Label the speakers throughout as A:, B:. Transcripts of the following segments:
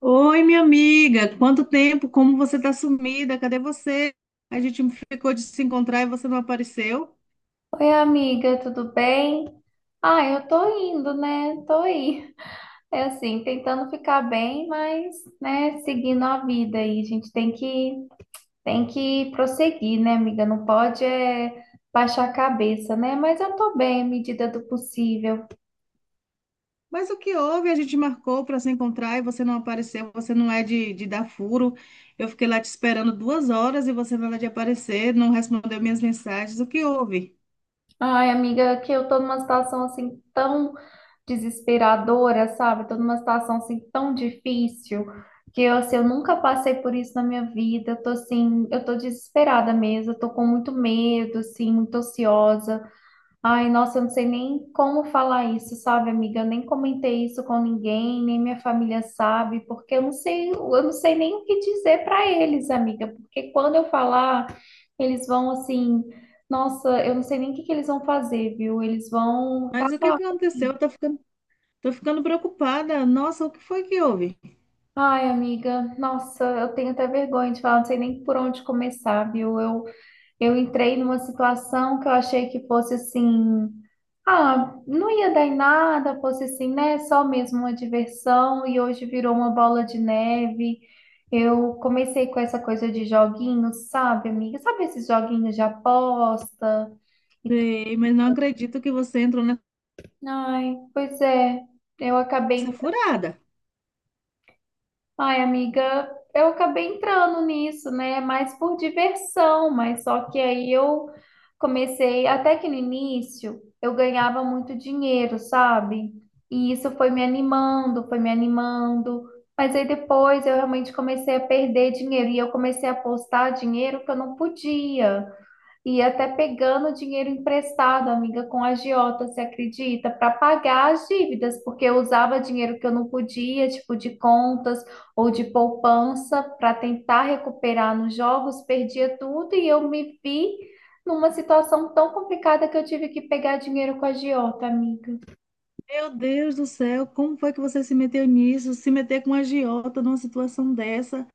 A: Oi, minha amiga, quanto tempo? Como você está sumida? Cadê você? A gente ficou de se encontrar e você não apareceu.
B: Oi, amiga, tudo bem? Ah, eu tô indo, né? Tô aí. É assim, tentando ficar bem, mas, né, seguindo a vida aí. A gente tem que prosseguir, né, amiga? Não pode é, baixar a cabeça, né? Mas eu tô bem, à medida do possível.
A: Mas o que houve? A gente marcou para se encontrar e você não apareceu. Você não é de dar furo. Eu fiquei lá te esperando 2 horas e você nada de aparecer, não respondeu minhas mensagens. O que houve?
B: Ai, amiga, que eu tô numa situação assim tão desesperadora, sabe? Tô numa situação assim tão difícil que eu, assim, eu nunca passei por isso na minha vida. Eu tô assim, eu tô desesperada mesmo, eu tô com muito medo, assim, muito ansiosa. Ai, nossa, eu não sei nem como falar isso, sabe, amiga? Eu nem comentei isso com ninguém, nem minha família sabe, porque eu não sei nem o que dizer para eles, amiga, porque quando eu falar, eles vão assim, nossa, eu não sei nem o que que eles vão fazer, viu? Eles vão
A: Mas o que
B: acabar
A: que aconteceu?
B: comigo.
A: Tô ficando preocupada. Nossa, o que foi que houve?
B: Ai, amiga, nossa, eu tenho até vergonha de falar, não sei nem por onde começar, viu? Eu entrei numa situação que eu achei que fosse assim, ah, não ia dar em nada, fosse assim, né? Só mesmo uma diversão, e hoje virou uma bola de neve. Eu comecei com essa coisa de joguinhos, sabe, amiga? Sabe esses joguinhos de aposta?
A: Sei, mas não acredito que você entrou
B: Ai, pois é, eu
A: nessa
B: acabei.
A: furada.
B: Ai, amiga, eu acabei entrando nisso, né? Mais por diversão, mas só que aí eu comecei, até que no início eu ganhava muito dinheiro, sabe? E isso foi me animando, mas aí depois eu realmente comecei a perder dinheiro e eu comecei a apostar dinheiro que eu não podia. E até pegando dinheiro emprestado, amiga, com agiota, você acredita? Para pagar as dívidas, porque eu usava dinheiro que eu não podia, tipo de contas ou de poupança, para tentar recuperar nos jogos, perdia tudo e eu me vi numa situação tão complicada que eu tive que pegar dinheiro com agiota, amiga.
A: Meu Deus do céu, como foi que você se meteu nisso? Se meter com a agiota numa situação dessa?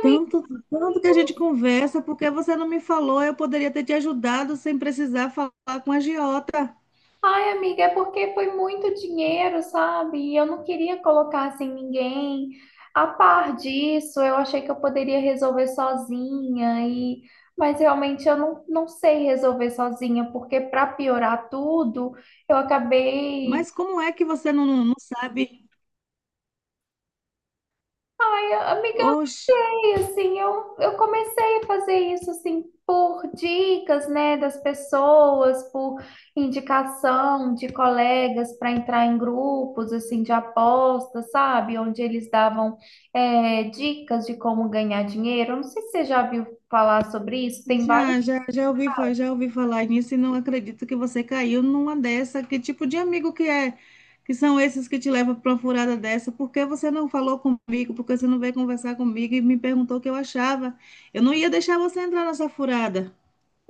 A: Tanto, tanto que a gente conversa, porque você não me falou, eu poderia ter te ajudado sem precisar falar com a agiota.
B: Ai, amiga, é porque foi muito dinheiro, sabe? E eu não queria colocar assim ninguém a par disso. Eu achei que eu poderia resolver sozinha e mas realmente eu não, não sei resolver sozinha, porque para piorar tudo, eu acabei.
A: Mas como é que você não sabe?
B: Ai, amiga.
A: Oxe.
B: E assim, eu comecei a fazer isso assim por dicas, né, das pessoas, por indicação de colegas para entrar em grupos assim de apostas, sabe? Onde eles davam dicas de como ganhar dinheiro. Eu não sei se você já viu falar sobre isso, tem vários.
A: Já ouvi, já ouvi falar nisso e não acredito que você caiu numa dessa. Que tipo de amigo que é? Que são esses que te levam para uma furada dessa? Por que você não falou comigo? Por que você não veio conversar comigo e me perguntou o que eu achava? Eu não ia deixar você entrar nessa furada.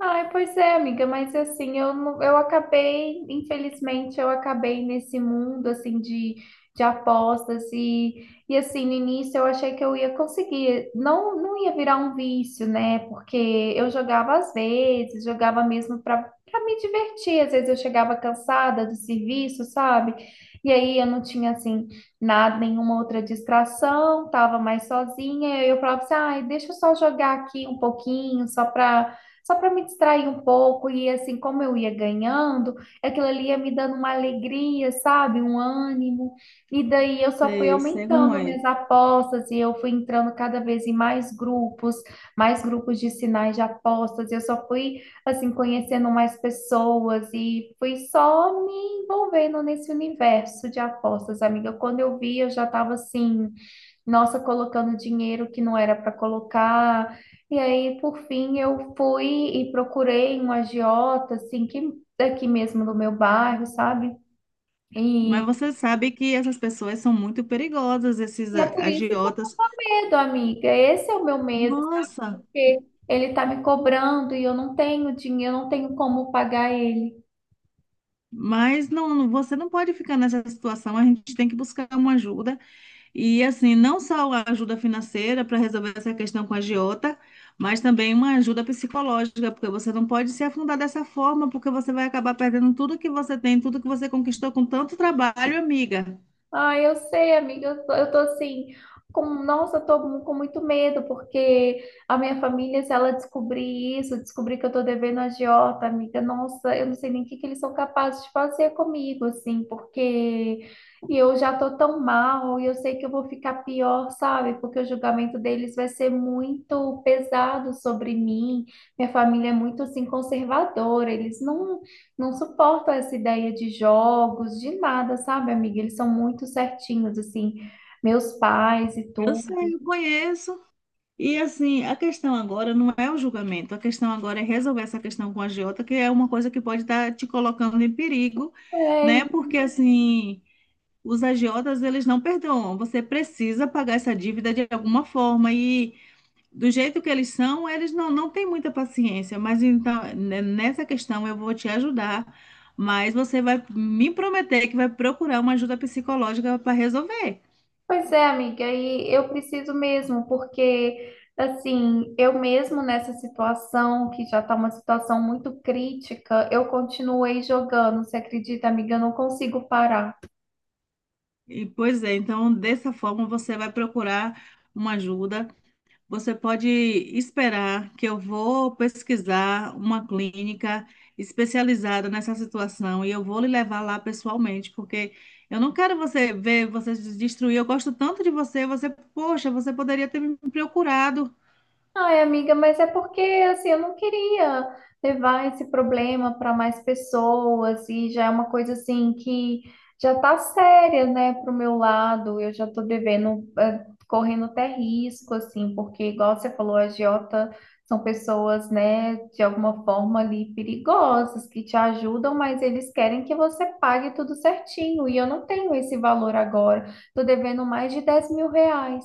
B: Ai, pois é, amiga, mas assim, eu, eu acabei, infelizmente, eu acabei nesse mundo, assim, de apostas e assim, no início eu achei que eu ia conseguir, não, não ia virar um vício, né, porque eu jogava às vezes, jogava mesmo para me divertir, às vezes eu chegava cansada do serviço, sabe, e aí eu não tinha, assim, nada, nenhuma outra distração, tava mais sozinha, e eu falava assim, ai, deixa eu só jogar aqui um pouquinho, só para me distrair um pouco. E assim, como eu ia ganhando, aquilo ali ia me dando uma alegria, sabe? Um ânimo. E daí eu só fui
A: Sei como
B: aumentando
A: é.
B: minhas apostas e eu fui entrando cada vez em mais grupos de sinais de apostas. E eu só fui, assim, conhecendo mais pessoas e fui só me envolvendo nesse universo de apostas, amiga. Quando eu vi, eu já estava assim, nossa, colocando dinheiro que não era para colocar. E aí, por fim, eu fui e procurei um agiota, assim, que daqui mesmo do meu bairro, sabe? E,
A: Mas você sabe que essas pessoas são muito perigosas, esses
B: e é por isso que eu
A: agiotas.
B: medo, amiga. Esse é o meu medo,
A: Nossa,
B: porque ele tá me cobrando e eu não tenho dinheiro, eu não tenho como pagar ele.
A: mas você não pode ficar nessa situação. A gente tem que buscar uma ajuda. E assim, não só a ajuda financeira para resolver essa questão com a agiota, mas também uma ajuda psicológica, porque você não pode se afundar dessa forma, porque você vai acabar perdendo tudo que você tem, tudo que você conquistou com tanto trabalho, amiga.
B: Ah, eu sei, amiga. Eu tô assim, com, nossa, eu tô com muito medo, porque a minha família, se ela descobrir isso, descobrir que eu tô devendo agiota, amiga, nossa, eu não sei nem o que que eles são capazes de fazer comigo, assim, porque eu já tô tão mal e eu sei que eu vou ficar pior, sabe? Porque o julgamento deles vai ser muito pesado sobre mim. Minha família é muito, assim, conservadora, eles não não suporto essa ideia de jogos, de nada, sabe, amiga? Eles são muito certinhos, assim, meus pais e tudo.
A: Eu conheço. E assim, a questão agora não é o julgamento, a questão agora é resolver essa questão com a agiota, que é uma coisa que pode estar te colocando em perigo,
B: É,
A: né?
B: e-
A: Porque assim, os agiotas, eles não perdoam. Você precisa pagar essa dívida de alguma forma e do jeito que eles são, eles não têm muita paciência, mas então, nessa questão eu vou te ajudar, mas você vai me prometer que vai procurar uma ajuda psicológica para resolver.
B: Pois é, amiga, e eu preciso mesmo, porque, assim, eu mesmo nessa situação, que já tá uma situação muito crítica, eu continuei jogando, você acredita, amiga? Eu não consigo parar.
A: Pois é, então dessa forma você vai procurar uma ajuda. Você pode esperar que eu vou pesquisar uma clínica especializada nessa situação e eu vou lhe levar lá pessoalmente, porque eu não quero você ver você se destruir. Eu gosto tanto de você, você, poxa, você poderia ter me procurado.
B: Ai, amiga, mas é porque assim, eu não queria levar esse problema para mais pessoas e já é uma coisa assim que já tá séria, né, pro meu lado. Eu já tô devendo, correndo até risco, assim, porque igual você falou, agiota são pessoas, né, de alguma forma ali perigosas que te ajudam, mas eles querem que você pague tudo certinho e eu não tenho esse valor agora. Tô devendo mais de 10 mil reais.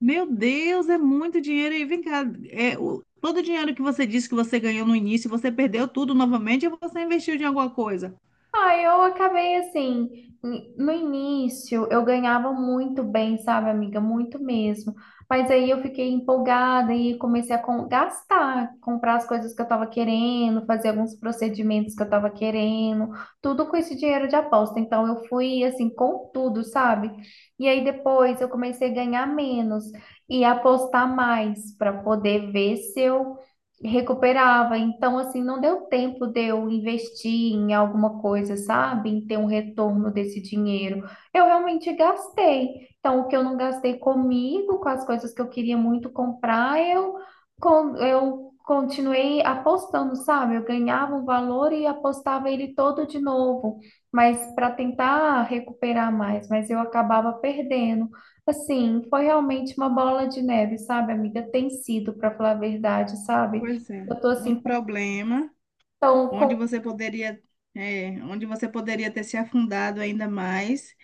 A: Meu Deus, é muito dinheiro. E vem cá, todo o dinheiro que você disse que você ganhou no início, você perdeu tudo novamente ou você investiu em alguma coisa?
B: Ah, eu acabei assim, no início eu ganhava muito bem, sabe, amiga? Muito mesmo. Mas aí eu fiquei empolgada e comecei a gastar, comprar as coisas que eu tava querendo, fazer alguns procedimentos que eu tava querendo, tudo com esse dinheiro de aposta. Então eu fui assim com tudo, sabe? E aí depois eu comecei a ganhar menos e apostar mais para poder ver se eu recuperava. Então, assim, não deu tempo de eu investir em alguma coisa, sabe? Em ter um retorno desse dinheiro. Eu realmente gastei. Então, o que eu não gastei comigo, com as coisas que eu queria muito comprar, eu, eu continuei apostando, sabe? Eu ganhava um valor e apostava ele todo de novo, mas para tentar recuperar mais, mas eu acabava perdendo. Assim, foi realmente uma bola de neve, sabe, amiga? Tem sido, para falar a verdade, sabe?
A: Pois é,
B: Eu tô
A: um
B: assim,
A: problema.
B: então,
A: onde
B: com...
A: você poderia, onde você poderia ter se afundado ainda mais.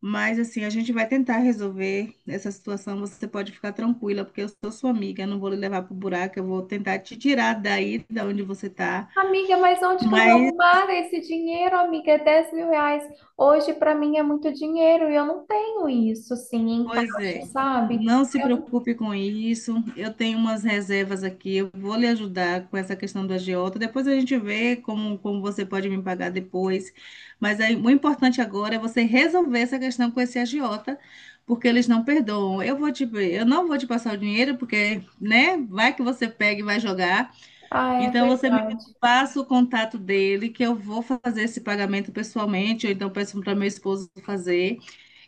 A: Mas assim, a gente vai tentar resolver essa situação. Você pode ficar tranquila, porque eu sou sua amiga, eu não vou lhe levar pro buraco, eu vou tentar te tirar daí, da onde você está.
B: Amiga, mas onde que eu vou
A: Mas
B: arrumar esse dinheiro, amiga? É 10 mil reais. Hoje, para mim, é muito dinheiro e eu não tenho isso, assim, em
A: Pois
B: caixa,
A: é,
B: sabe?
A: não se
B: Eu...
A: preocupe com isso. Eu tenho umas reservas aqui, eu vou lhe ajudar com essa questão do agiota. Depois a gente vê como você pode me pagar depois. Mas aí, o importante agora é você resolver essa questão com esse agiota, porque eles não perdoam. Eu não vou te passar o dinheiro, porque, né, vai que você pega e vai jogar.
B: Ah, é
A: Então você me
B: verdade.
A: passa o contato dele, que eu vou fazer esse pagamento pessoalmente, ou então peço para meu esposo fazer.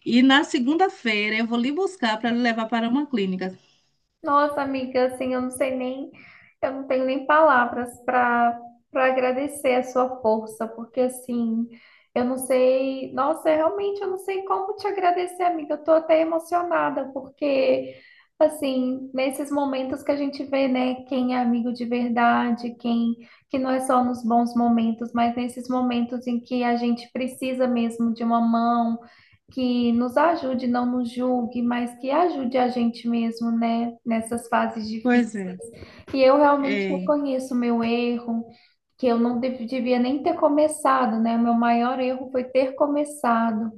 A: E na segunda-feira eu vou lhe buscar para lhe levar para uma clínica.
B: Nossa, amiga, assim, eu não sei nem, eu não tenho nem palavras para agradecer a sua força, porque assim, eu não sei, nossa, realmente eu não sei como te agradecer, amiga. Eu tô até emocionada, porque assim, nesses momentos que a gente vê, né, quem é amigo de verdade, quem que não é só nos bons momentos, mas nesses momentos em que a gente precisa mesmo de uma mão que nos ajude, não nos julgue, mas que ajude a gente mesmo, né, nessas fases difíceis.
A: Pois é.
B: E eu realmente
A: É,
B: reconheço o meu erro, que eu não devia nem ter começado, né? O meu maior erro foi ter começado.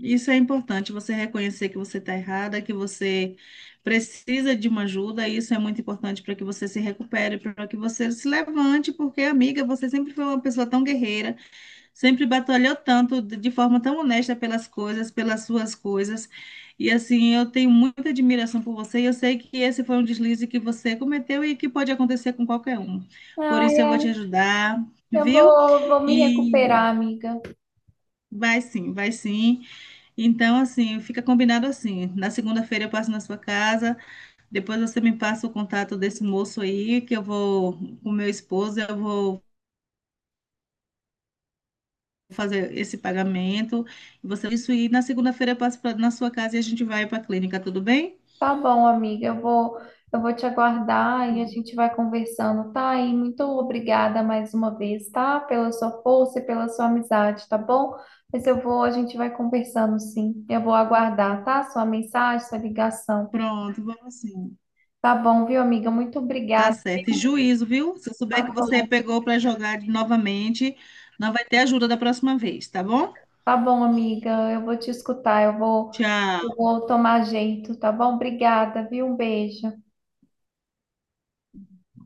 A: isso é importante, você reconhecer que você está errada, que você precisa de uma ajuda, e isso é muito importante para que você se recupere, para que você se levante, porque, amiga, você sempre foi uma pessoa tão guerreira. Sempre batalhou tanto, de forma tão honesta pelas coisas, pelas suas coisas. E assim, eu tenho muita admiração por você e eu sei que esse foi um deslize que você cometeu e que pode acontecer com qualquer um. Por
B: Ai,
A: isso eu vou
B: ai,
A: te ajudar, viu?
B: vou me
A: E
B: recuperar, amiga.
A: vai sim, vai sim. Então, assim, fica combinado assim. Na segunda-feira eu passo na sua casa, depois você me passa o contato desse moço aí, que eu vou, com meu esposo, eu vou fazer esse pagamento. E Você isso e na segunda-feira eu passo na sua casa e a gente vai para a clínica, tudo bem?
B: Tá bom, amiga. Eu vou te aguardar e a gente vai conversando, tá? E muito obrigada mais uma vez, tá? Pela sua força e pela sua amizade, tá bom? Mas eu vou, a gente vai conversando, sim. Eu vou aguardar, tá? Sua mensagem, sua ligação.
A: Pronto, vamos sim.
B: Tá bom, viu, amiga? Muito
A: Tá
B: obrigada.
A: certo. E juízo, viu? Se eu
B: Tá
A: souber que você
B: bom,
A: pegou para jogar novamente, não vai ter ajuda da próxima vez, tá bom?
B: tá bom, amiga. Eu vou te escutar,
A: Tchau.
B: eu vou tomar jeito, tá bom? Obrigada, viu? Um beijo.